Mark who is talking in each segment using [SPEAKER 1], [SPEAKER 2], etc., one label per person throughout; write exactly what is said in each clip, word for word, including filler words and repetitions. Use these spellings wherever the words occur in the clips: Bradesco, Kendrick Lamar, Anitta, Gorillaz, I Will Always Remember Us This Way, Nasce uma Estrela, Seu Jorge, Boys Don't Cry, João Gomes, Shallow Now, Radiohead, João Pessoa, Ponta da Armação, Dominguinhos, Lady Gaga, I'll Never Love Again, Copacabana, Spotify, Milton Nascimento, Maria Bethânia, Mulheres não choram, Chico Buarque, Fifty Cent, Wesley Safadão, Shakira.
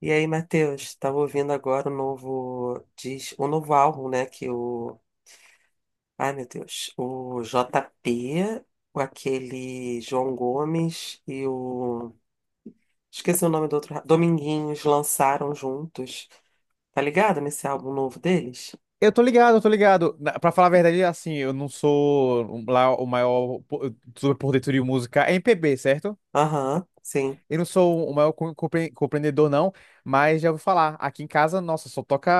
[SPEAKER 1] E aí, Matheus, tava ouvindo agora o novo, diz, o novo álbum, né? que o, ai meu Deus, o J P, o aquele João Gomes e o, esqueci o nome do outro, ra- Dominguinhos lançaram juntos. Tá ligado nesse álbum novo deles?
[SPEAKER 2] Eu tô ligado, eu tô ligado. Na- Pra falar a verdade, assim, eu não sou um- lá o maior po- super por dentro de música é M P B, certo?
[SPEAKER 1] Aham, sim.
[SPEAKER 2] Eu não sou o maior com- compre- compreendedor, não, mas já ouvi falar. Aqui em casa, nossa, só toca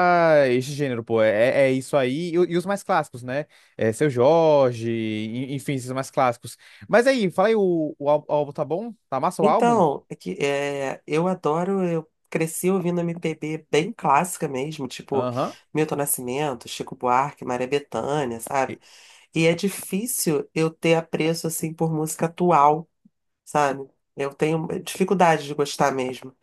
[SPEAKER 2] esse gênero, pô. É, é é isso aí. E, o- e os mais clássicos, né? É, Seu Jorge, en- enfim, esses mais clássicos. Mas aí, fala aí, o, o ál- álbum tá bom? Tá massa o álbum?
[SPEAKER 1] Então, é que, é, eu adoro, eu cresci ouvindo M P B bem clássica mesmo, tipo
[SPEAKER 2] Aham.
[SPEAKER 1] Milton Nascimento, Chico Buarque, Maria Bethânia, sabe?
[SPEAKER 2] E-
[SPEAKER 1] E é difícil eu ter apreço assim por música atual, sabe? Eu tenho dificuldade de gostar mesmo.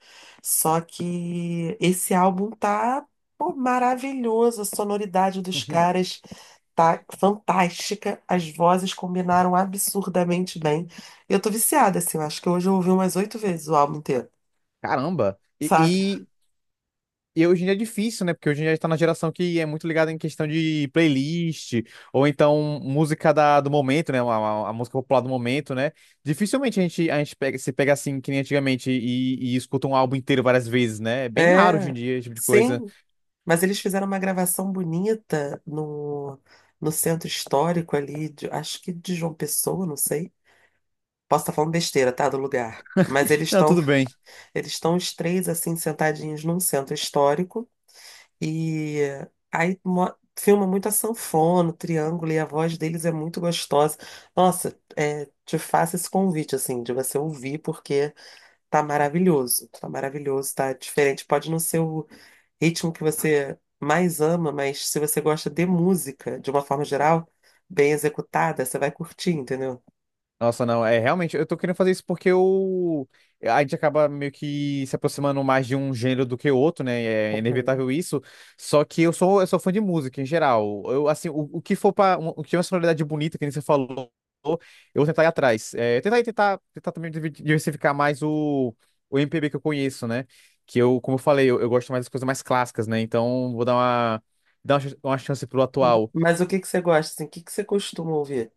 [SPEAKER 1] Só que esse álbum tá, pô, maravilhoso, a sonoridade dos caras tá fantástica, as vozes combinaram absurdamente bem. Eu tô viciada assim, eu acho que hoje eu ouvi umas oito vezes o álbum inteiro,
[SPEAKER 2] Caramba.
[SPEAKER 1] sabe?
[SPEAKER 2] E, E hoje em dia é difícil, né? Porque hoje em dia a gente tá na geração que é muito ligada em questão de playlist, ou então música da, do momento, né? A, a- a música popular do momento, né? Dificilmente a gente, a gente pega, se pega assim, que nem antigamente, e, e escuta um álbum inteiro várias vezes, né? É bem raro hoje em
[SPEAKER 1] É,
[SPEAKER 2] dia esse tipo de coisa.
[SPEAKER 1] sim, mas eles fizeram uma gravação bonita no, no centro histórico ali, de- acho que de João Pessoa, não sei. Posso estar falando besteira, tá? Do lugar. Mas eles
[SPEAKER 2] Não,
[SPEAKER 1] estão
[SPEAKER 2] tudo bem.
[SPEAKER 1] eles estão os três assim sentadinhos num centro histórico e aí mo- filma muito a sanfona, o triângulo e a voz deles é muito gostosa. Nossa, é, te faço esse convite assim de você ouvir porque tá maravilhoso, tá maravilhoso, tá diferente. Pode não ser o ritmo que você mais ama, mas se você gosta de música, de uma forma geral, bem executada, você vai curtir, entendeu?
[SPEAKER 2] Nossa, não, é realmente, eu tô querendo fazer isso porque eu, a gente acaba meio que se aproximando mais de um gênero do que outro, né? É
[SPEAKER 1] Aham.
[SPEAKER 2] inevitável isso. Só que eu sou, eu sou fã de música em geral. Eu, assim, o, o que for para o que é uma sonoridade bonita, que nem você falou, eu vou tentar ir atrás. É, tentar, tentar, tentar também divi- diversificar mais o, o M P B que eu conheço, né? Que eu, como eu falei, eu, eu gosto mais das coisas mais clássicas, né? Então, vou dar uma, dar uma, ch- uma chance pro atual.
[SPEAKER 1] Mas o que que você gosta, assim? O que que você costuma ouvir?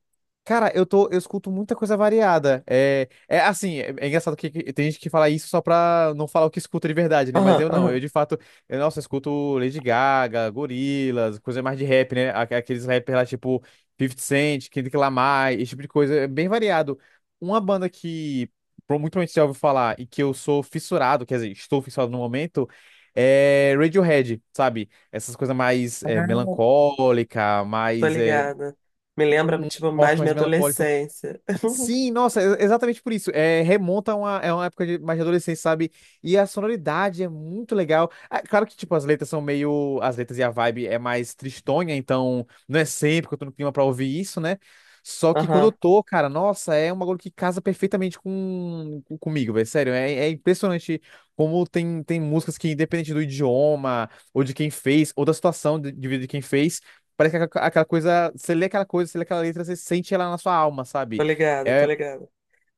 [SPEAKER 2] Cara, eu tô, eu escuto muita coisa variada. É, é assim, é, é engraçado que, que tem gente que fala isso só pra não falar o que escuta de verdade, né? Mas
[SPEAKER 1] Aham,
[SPEAKER 2] eu não, eu
[SPEAKER 1] aham,
[SPEAKER 2] de fato, eu, nossa, eu escuto Lady Gaga, Gorillaz, coisa mais de rap, né? Aqu- Aqueles rappers lá tipo Fifty Cent, Kendrick Lamar, esse tipo de coisa, é bem variado. Uma banda que pro- muito provavelmente você já ouviu falar e que eu sou fissurado, quer dizer, estou fissurado no momento, é Radiohead, sabe? Essas coisas mais é, melancólica,
[SPEAKER 1] tô
[SPEAKER 2] mais é,
[SPEAKER 1] ligada. Me lembra,
[SPEAKER 2] um um
[SPEAKER 1] tipo,
[SPEAKER 2] rock
[SPEAKER 1] mais minha
[SPEAKER 2] mais melancólico.
[SPEAKER 1] adolescência.
[SPEAKER 2] Sim, nossa, é exatamente por isso. É, remonta a uma, é uma época de mais de adolescência, sabe? E a sonoridade é muito legal. Ah, claro que, tipo, as letras são meio. As letras e a vibe é mais tristonha, então não é sempre que eu tô no clima pra ouvir isso, né? Só que quando eu
[SPEAKER 1] Aham,
[SPEAKER 2] tô, cara, nossa, é um bagulho que casa perfeitamente com, com- comigo, velho. Sério, é, é impressionante como tem, tem músicas que, independente do idioma, ou de quem fez, ou da situação de, de vida de quem fez, parece que aquela aquela coisa. Você lê aquela coisa, você lê aquela letra, você sente ela na sua alma,
[SPEAKER 1] tô
[SPEAKER 2] sabe?
[SPEAKER 1] ligada, tô
[SPEAKER 2] É
[SPEAKER 1] ligada.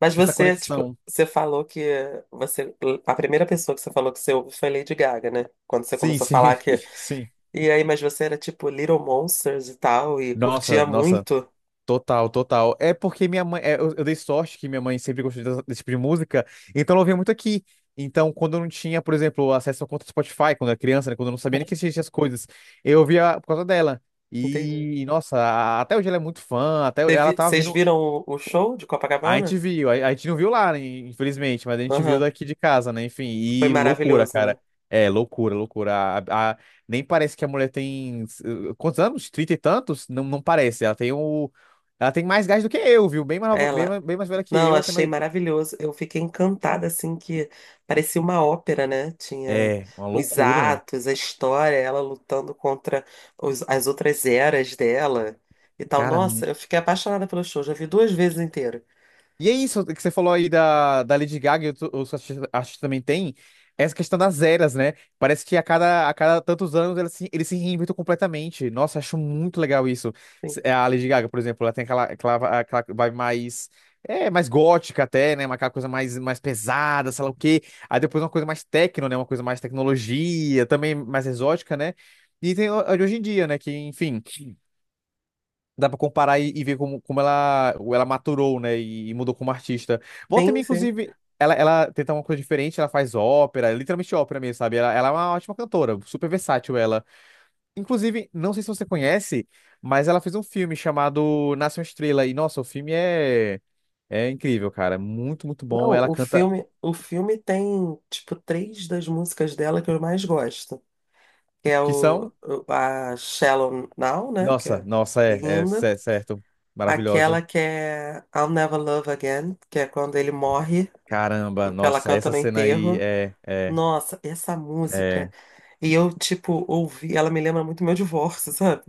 [SPEAKER 1] Mas
[SPEAKER 2] essa
[SPEAKER 1] você, tipo,
[SPEAKER 2] conexão.
[SPEAKER 1] você falou que você, a primeira pessoa que você falou que você ouve foi Lady Gaga, né? Quando você
[SPEAKER 2] Sim,
[SPEAKER 1] começou a
[SPEAKER 2] sim,
[SPEAKER 1] falar que,
[SPEAKER 2] sim.
[SPEAKER 1] e aí, mas você era tipo Little Monsters e tal, e
[SPEAKER 2] Nossa,
[SPEAKER 1] curtia
[SPEAKER 2] nossa,
[SPEAKER 1] muito.
[SPEAKER 2] total, total. É porque minha mãe, é, eu, eu dei sorte que minha mãe sempre gostou dessa- desse tipo de música, então ela ouvia muito aqui. Então, quando eu não tinha, por exemplo, acesso à conta do Spotify, quando eu era criança, né, quando eu não sabia nem que existiam essas coisas, eu ouvia por causa dela. E, nossa, a- até hoje ela é muito fã, até ela
[SPEAKER 1] Teve-
[SPEAKER 2] tava
[SPEAKER 1] Vocês
[SPEAKER 2] vendo.
[SPEAKER 1] viram o o show de
[SPEAKER 2] A
[SPEAKER 1] Copacabana?
[SPEAKER 2] gente viu, a, a gente não viu lá, né, infelizmente, mas a gente viu
[SPEAKER 1] Aham,
[SPEAKER 2] daqui de casa, né? Enfim,
[SPEAKER 1] foi
[SPEAKER 2] e loucura,
[SPEAKER 1] maravilhoso,
[SPEAKER 2] cara.
[SPEAKER 1] né?
[SPEAKER 2] É, loucura, loucura. A, a- nem parece que a mulher tem. eh, Quantos anos? Trinta e tantos? Não, não parece. Ela tem o. Ela tem mais gás do que eu, viu? Bem mais, nova- bem,
[SPEAKER 1] Ela,
[SPEAKER 2] mais- bem mais velha que
[SPEAKER 1] não,
[SPEAKER 2] eu, até
[SPEAKER 1] achei
[SPEAKER 2] mais.
[SPEAKER 1] maravilhoso. Eu fiquei encantada, assim, que parecia uma ópera, né? Tinha
[SPEAKER 2] É, uma
[SPEAKER 1] os
[SPEAKER 2] loucura.
[SPEAKER 1] atos, a história, ela lutando contra os- as outras eras dela e tal.
[SPEAKER 2] Cara,
[SPEAKER 1] Nossa, eu fiquei apaixonada pelo show, já vi duas vezes inteiro.
[SPEAKER 2] e é isso que você falou aí da, da Lady Gaga e outro- outros artistas artistas também tem, essa questão das eras, né? Parece que a cada, a cada tantos anos eles se, eles se reinventam completamente. Nossa, acho muito legal isso.
[SPEAKER 1] Sim,
[SPEAKER 2] Se- é, a Lady Gaga, por exemplo, ela tem aquela, aquela, aquela vibe mais, é, mais gótica até, né? Uma- Aquela coisa mais, mais pesada, sei lá o quê. Aí depois uma coisa mais techno, né? Uma coisa mais tecnologia, também mais exótica, né? E tem a de hoje em dia, né? Que, enfim. Dá pra comparar e, e ver como, como ela, ela maturou, né? E, e mudou como artista. Volta
[SPEAKER 1] sim,
[SPEAKER 2] também,
[SPEAKER 1] sim.
[SPEAKER 2] inclusive, ela, ela tenta uma coisa diferente, ela faz ópera, literalmente ópera mesmo, sabe? Ela, ela é uma ótima cantora, super versátil ela. Inclusive, não sei se você conhece, mas ela fez um filme chamado Nasce uma Estrela. E, nossa, o filme é, é incrível, cara. Muito, muito bom.
[SPEAKER 1] Não,
[SPEAKER 2] Ela
[SPEAKER 1] o
[SPEAKER 2] canta.
[SPEAKER 1] filme, o filme tem, tipo, três das músicas dela que eu mais gosto. Que é
[SPEAKER 2] Que
[SPEAKER 1] o,
[SPEAKER 2] são.
[SPEAKER 1] o- a Shallow Now, né? Que
[SPEAKER 2] Nossa,
[SPEAKER 1] é
[SPEAKER 2] nossa, é, é
[SPEAKER 1] linda.
[SPEAKER 2] cer- certo.
[SPEAKER 1] Aquela
[SPEAKER 2] Maravilhosa.
[SPEAKER 1] que é I'll Never Love Again, que é quando ele morre,
[SPEAKER 2] Caramba,
[SPEAKER 1] que ela
[SPEAKER 2] nossa,
[SPEAKER 1] canta
[SPEAKER 2] essa
[SPEAKER 1] no
[SPEAKER 2] cena aí
[SPEAKER 1] enterro.
[SPEAKER 2] é, é,
[SPEAKER 1] Nossa, essa música.
[SPEAKER 2] é.
[SPEAKER 1] E eu, tipo, ouvi, ela me lembra muito meu divórcio, sabe?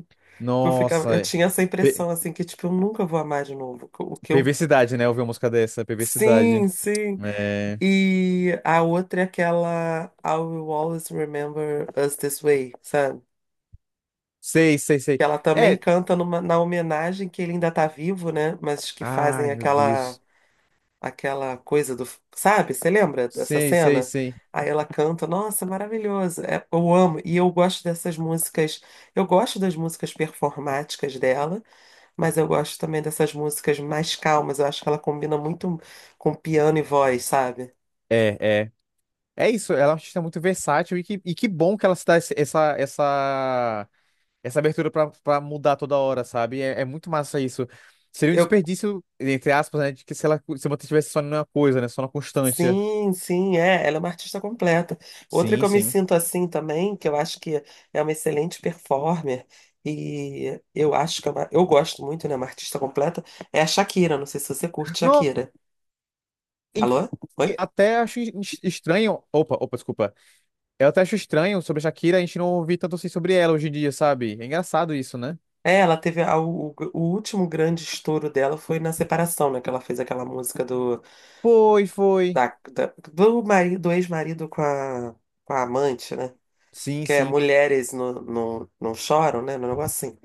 [SPEAKER 1] Porque eu ficava,
[SPEAKER 2] Nossa,
[SPEAKER 1] eu
[SPEAKER 2] é.
[SPEAKER 1] tinha essa impressão, assim, que, tipo, eu nunca vou amar de novo. O que eu.
[SPEAKER 2] Perversidade, né? Ouvir uma música dessa, perversidade.
[SPEAKER 1] Sim, sim.
[SPEAKER 2] É...
[SPEAKER 1] E a outra é aquela I Will Always Remember Us This Way, sabe?
[SPEAKER 2] Sei, sei, sei.
[SPEAKER 1] Que ela também
[SPEAKER 2] É.
[SPEAKER 1] canta numa- na homenagem que ele ainda tá vivo, né? Mas que fazem
[SPEAKER 2] Ai, meu
[SPEAKER 1] aquela
[SPEAKER 2] Deus.
[SPEAKER 1] aquela coisa do, sabe? Você lembra dessa
[SPEAKER 2] Sei, sei,
[SPEAKER 1] cena?
[SPEAKER 2] sei.
[SPEAKER 1] Aí ela canta, nossa, maravilhoso. É, eu amo e eu gosto dessas músicas. Eu gosto das músicas performáticas dela, mas eu gosto também dessas músicas mais calmas. Eu acho que ela combina muito com piano e voz, sabe?
[SPEAKER 2] É, é. É isso, ela é uma artista muito versátil e que, e que bom que ela se dá esse- essa, essa, essa abertura pra, pra mudar toda hora, sabe? É, é muito massa isso. Seria um
[SPEAKER 1] Eu
[SPEAKER 2] desperdício, entre aspas, né? De que se ela se mantivesse só numa coisa, né? Só na constância.
[SPEAKER 1] sim, sim, é. Ela é uma artista completa. Outra que
[SPEAKER 2] Sim,
[SPEAKER 1] eu me
[SPEAKER 2] sim.
[SPEAKER 1] sinto assim também, que eu acho que é uma excelente performer, e eu acho que é uma, eu gosto muito, né? Uma artista completa, é a Shakira. Não sei se você curte
[SPEAKER 2] Não,
[SPEAKER 1] Shakira.
[SPEAKER 2] em-
[SPEAKER 1] Alô? Oi?
[SPEAKER 2] até acho es- estranho. Opa, opa, desculpa. Eu até acho estranho sobre a Shakira, a gente não ouvir tanto assim sobre ela hoje em dia, sabe? É engraçado isso, né?
[SPEAKER 1] É, ela teve a- o, o último grande estouro dela foi na separação, né? Que ela fez aquela música do,
[SPEAKER 2] Foi, foi.
[SPEAKER 1] da, da- do, mari- do ex-marido com a, com a amante, né?
[SPEAKER 2] Sim,
[SPEAKER 1] Que é
[SPEAKER 2] sim.
[SPEAKER 1] Mulheres não, não, não choram, né? Um negócio assim.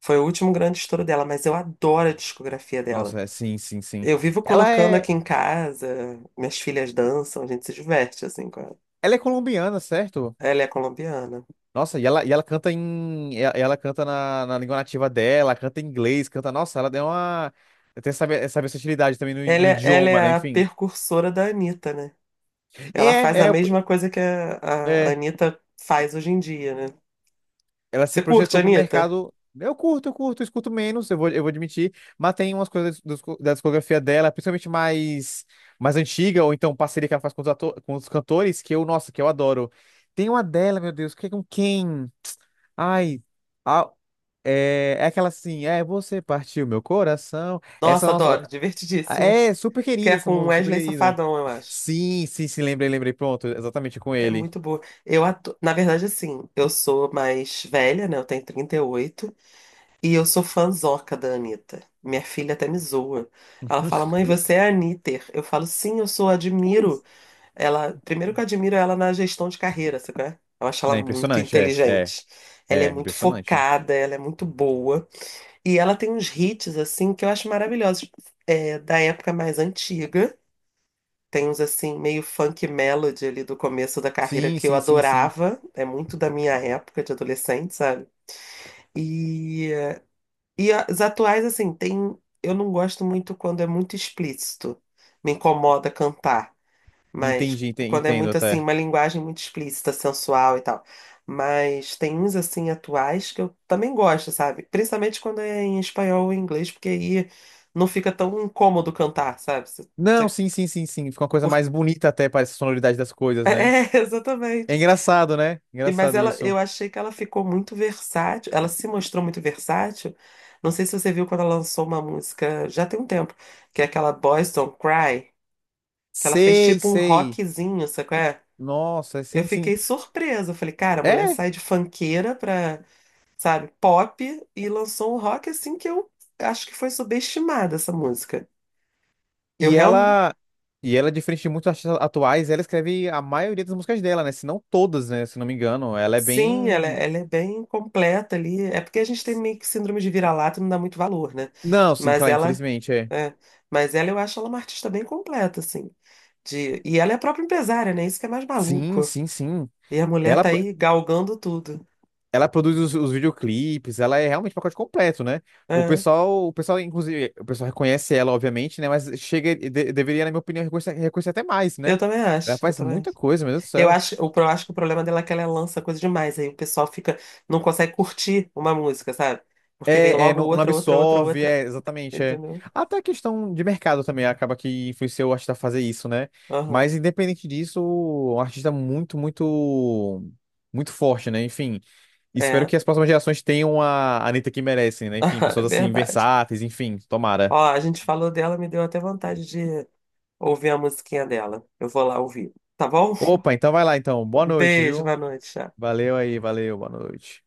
[SPEAKER 1] Foi o último grande estouro dela, mas eu adoro a discografia dela.
[SPEAKER 2] Nossa, é, sim, sim, sim.
[SPEAKER 1] Eu vivo
[SPEAKER 2] Ela
[SPEAKER 1] colocando
[SPEAKER 2] é,
[SPEAKER 1] aqui em casa, minhas filhas dançam, a gente se diverte assim com ela.
[SPEAKER 2] ela é colombiana, certo?
[SPEAKER 1] Ela é colombiana.
[SPEAKER 2] Nossa, e ela, e ela canta em, e ela, canta na, na língua nativa dela, canta em inglês, canta. Nossa, ela deu uma, tem essa, essa versatilidade também no,
[SPEAKER 1] Ela
[SPEAKER 2] no
[SPEAKER 1] é, ela
[SPEAKER 2] idioma, né?
[SPEAKER 1] é a
[SPEAKER 2] Enfim.
[SPEAKER 1] precursora da Anitta, né? Ela faz a
[SPEAKER 2] É, é,
[SPEAKER 1] mesma coisa que a, a
[SPEAKER 2] é.
[SPEAKER 1] Anitta faz hoje em dia, né?
[SPEAKER 2] Ela
[SPEAKER 1] Você
[SPEAKER 2] se
[SPEAKER 1] curte,
[SPEAKER 2] projetou pro
[SPEAKER 1] Anitta?
[SPEAKER 2] mercado. Eu curto, eu curto, eu escuto menos, eu vou, eu vou admitir, mas tem umas coisas do- da discografia dela, principalmente mais, mais antiga, ou então parceria que ela faz com os, ato- com os cantores, que eu, nossa, que eu adoro. Tem uma dela, meu Deus, que é com quem? Ai, a- é, é aquela assim, é, você partiu meu coração. Essa
[SPEAKER 1] Nossa,
[SPEAKER 2] nossa.
[SPEAKER 1] adoro, divertidíssima.
[SPEAKER 2] É, super
[SPEAKER 1] Que
[SPEAKER 2] querida
[SPEAKER 1] é
[SPEAKER 2] essa
[SPEAKER 1] com
[SPEAKER 2] música, super
[SPEAKER 1] Wesley
[SPEAKER 2] querida.
[SPEAKER 1] Safadão, eu acho.
[SPEAKER 2] Sim, sim, sim, lembrei, lembrei, pronto, exatamente com
[SPEAKER 1] É
[SPEAKER 2] ele.
[SPEAKER 1] muito boa. Eu atu... Na verdade, assim, eu sou mais velha, né? Eu tenho trinta e oito. E oito. E eu sou fãzoca da Anitta. Minha filha até me zoa. Ela fala, mãe, você é a Anitter. Eu falo, sim, eu sou, admiro.
[SPEAKER 2] Pois.
[SPEAKER 1] Ela... Primeiro que eu admiro ela na gestão de carreira, sabe? Qual é? Eu acho ela
[SPEAKER 2] Não, é
[SPEAKER 1] muito
[SPEAKER 2] impressionante, é, é,
[SPEAKER 1] inteligente. Ela é
[SPEAKER 2] é,
[SPEAKER 1] muito
[SPEAKER 2] impressionante.
[SPEAKER 1] focada, ela é muito boa. E ela tem uns hits, assim, que eu acho maravilhosos. É, da época mais antiga. Tem uns assim, meio funk melody ali do começo da carreira
[SPEAKER 2] Sim,
[SPEAKER 1] que eu
[SPEAKER 2] sim, sim, sim.
[SPEAKER 1] adorava. É muito da minha época de adolescente, sabe? E, e as atuais, assim, tem. Eu não gosto muito quando é muito explícito. Me incomoda cantar. Mas
[SPEAKER 2] Entendi, ente-
[SPEAKER 1] quando é
[SPEAKER 2] entendo
[SPEAKER 1] muito assim,
[SPEAKER 2] até.
[SPEAKER 1] uma linguagem muito explícita, sensual e tal. Mas tem uns assim atuais que eu também gosto, sabe? Principalmente quando é em espanhol ou em inglês, porque aí não fica tão incômodo cantar, sabe? Você-
[SPEAKER 2] Não,
[SPEAKER 1] você-
[SPEAKER 2] sim, sim, sim, sim. Fica uma coisa mais bonita até, parece a sonoridade das coisas, né?
[SPEAKER 1] É,
[SPEAKER 2] É
[SPEAKER 1] exatamente.
[SPEAKER 2] engraçado, né?
[SPEAKER 1] E- Mas
[SPEAKER 2] Engraçado
[SPEAKER 1] ela,
[SPEAKER 2] isso.
[SPEAKER 1] eu achei que ela ficou muito versátil, ela se mostrou muito versátil. Não sei se você viu quando ela lançou uma música, já tem um tempo, que é aquela Boys Don't Cry, que ela fez
[SPEAKER 2] Sei,
[SPEAKER 1] tipo um
[SPEAKER 2] sei.
[SPEAKER 1] rockzinho, sabe qual é?
[SPEAKER 2] Nossa,
[SPEAKER 1] Eu
[SPEAKER 2] sim, sim.
[SPEAKER 1] fiquei surpresa, eu falei, cara, a mulher
[SPEAKER 2] É,
[SPEAKER 1] sai de funkeira pra, sabe, pop e lançou um rock assim que eu acho que foi subestimada essa música. Eu
[SPEAKER 2] e
[SPEAKER 1] realmente
[SPEAKER 2] ela. E ela, é diferente de muitos artistas atuais, ela escreve a maioria das músicas dela, né? Se não todas, né? Se não me engano. Ela é
[SPEAKER 1] sim, ela,
[SPEAKER 2] bem.
[SPEAKER 1] é, ela é bem completa ali. É porque a gente tem meio que síndrome de vira-lata e não dá muito valor, né?
[SPEAKER 2] Não, sim,
[SPEAKER 1] Mas
[SPEAKER 2] claro,
[SPEAKER 1] ela,
[SPEAKER 2] infelizmente, é.
[SPEAKER 1] é, mas ela eu acho ela uma artista bem completa, assim. De, e ela é a própria empresária, né? Isso que é mais
[SPEAKER 2] Sim,
[SPEAKER 1] maluco.
[SPEAKER 2] sim, sim.
[SPEAKER 1] E a mulher
[SPEAKER 2] Ela,
[SPEAKER 1] tá aí galgando tudo.
[SPEAKER 2] Ela produz os, os videoclipes, ela é realmente um pacote completo, né? O
[SPEAKER 1] É,
[SPEAKER 2] pessoal, o pessoal, inclusive, o pessoal reconhece ela, obviamente, né? Mas chega, de- deveria, na minha opinião, reconhecer, reconhecer até mais,
[SPEAKER 1] eu
[SPEAKER 2] né?
[SPEAKER 1] também
[SPEAKER 2] Ela
[SPEAKER 1] acho, eu
[SPEAKER 2] faz
[SPEAKER 1] também
[SPEAKER 2] muita
[SPEAKER 1] acho.
[SPEAKER 2] coisa, meu Deus do
[SPEAKER 1] Eu
[SPEAKER 2] céu.
[SPEAKER 1] acho, o pro- acho que o problema dela é que ela lança coisa demais, aí o pessoal fica, não consegue curtir uma música, sabe? Porque vem
[SPEAKER 2] É, é,
[SPEAKER 1] logo
[SPEAKER 2] não, não
[SPEAKER 1] outra, outra, outra,
[SPEAKER 2] absorve,
[SPEAKER 1] outra,
[SPEAKER 2] é, exatamente, é.
[SPEAKER 1] entendeu?
[SPEAKER 2] Até a questão de mercado também acaba que influenciou o artista a fazer isso, né?
[SPEAKER 1] Aham,
[SPEAKER 2] Mas independente disso, um artista muito, muito, muito forte, né? Enfim, espero
[SPEAKER 1] é,
[SPEAKER 2] que as próximas gerações tenham a a Anitta que merecem, né? Enfim,
[SPEAKER 1] é
[SPEAKER 2] pessoas assim,
[SPEAKER 1] verdade.
[SPEAKER 2] versáteis, enfim,
[SPEAKER 1] Ó,
[SPEAKER 2] tomara.
[SPEAKER 1] a gente falou dela, me deu até vontade de ouvir a musiquinha dela. Eu vou lá ouvir. Tá bom?
[SPEAKER 2] Opa, então vai lá então. Boa
[SPEAKER 1] Um
[SPEAKER 2] noite,
[SPEAKER 1] beijo, boa
[SPEAKER 2] viu?
[SPEAKER 1] noite. Tchau.
[SPEAKER 2] Valeu aí, valeu, boa noite.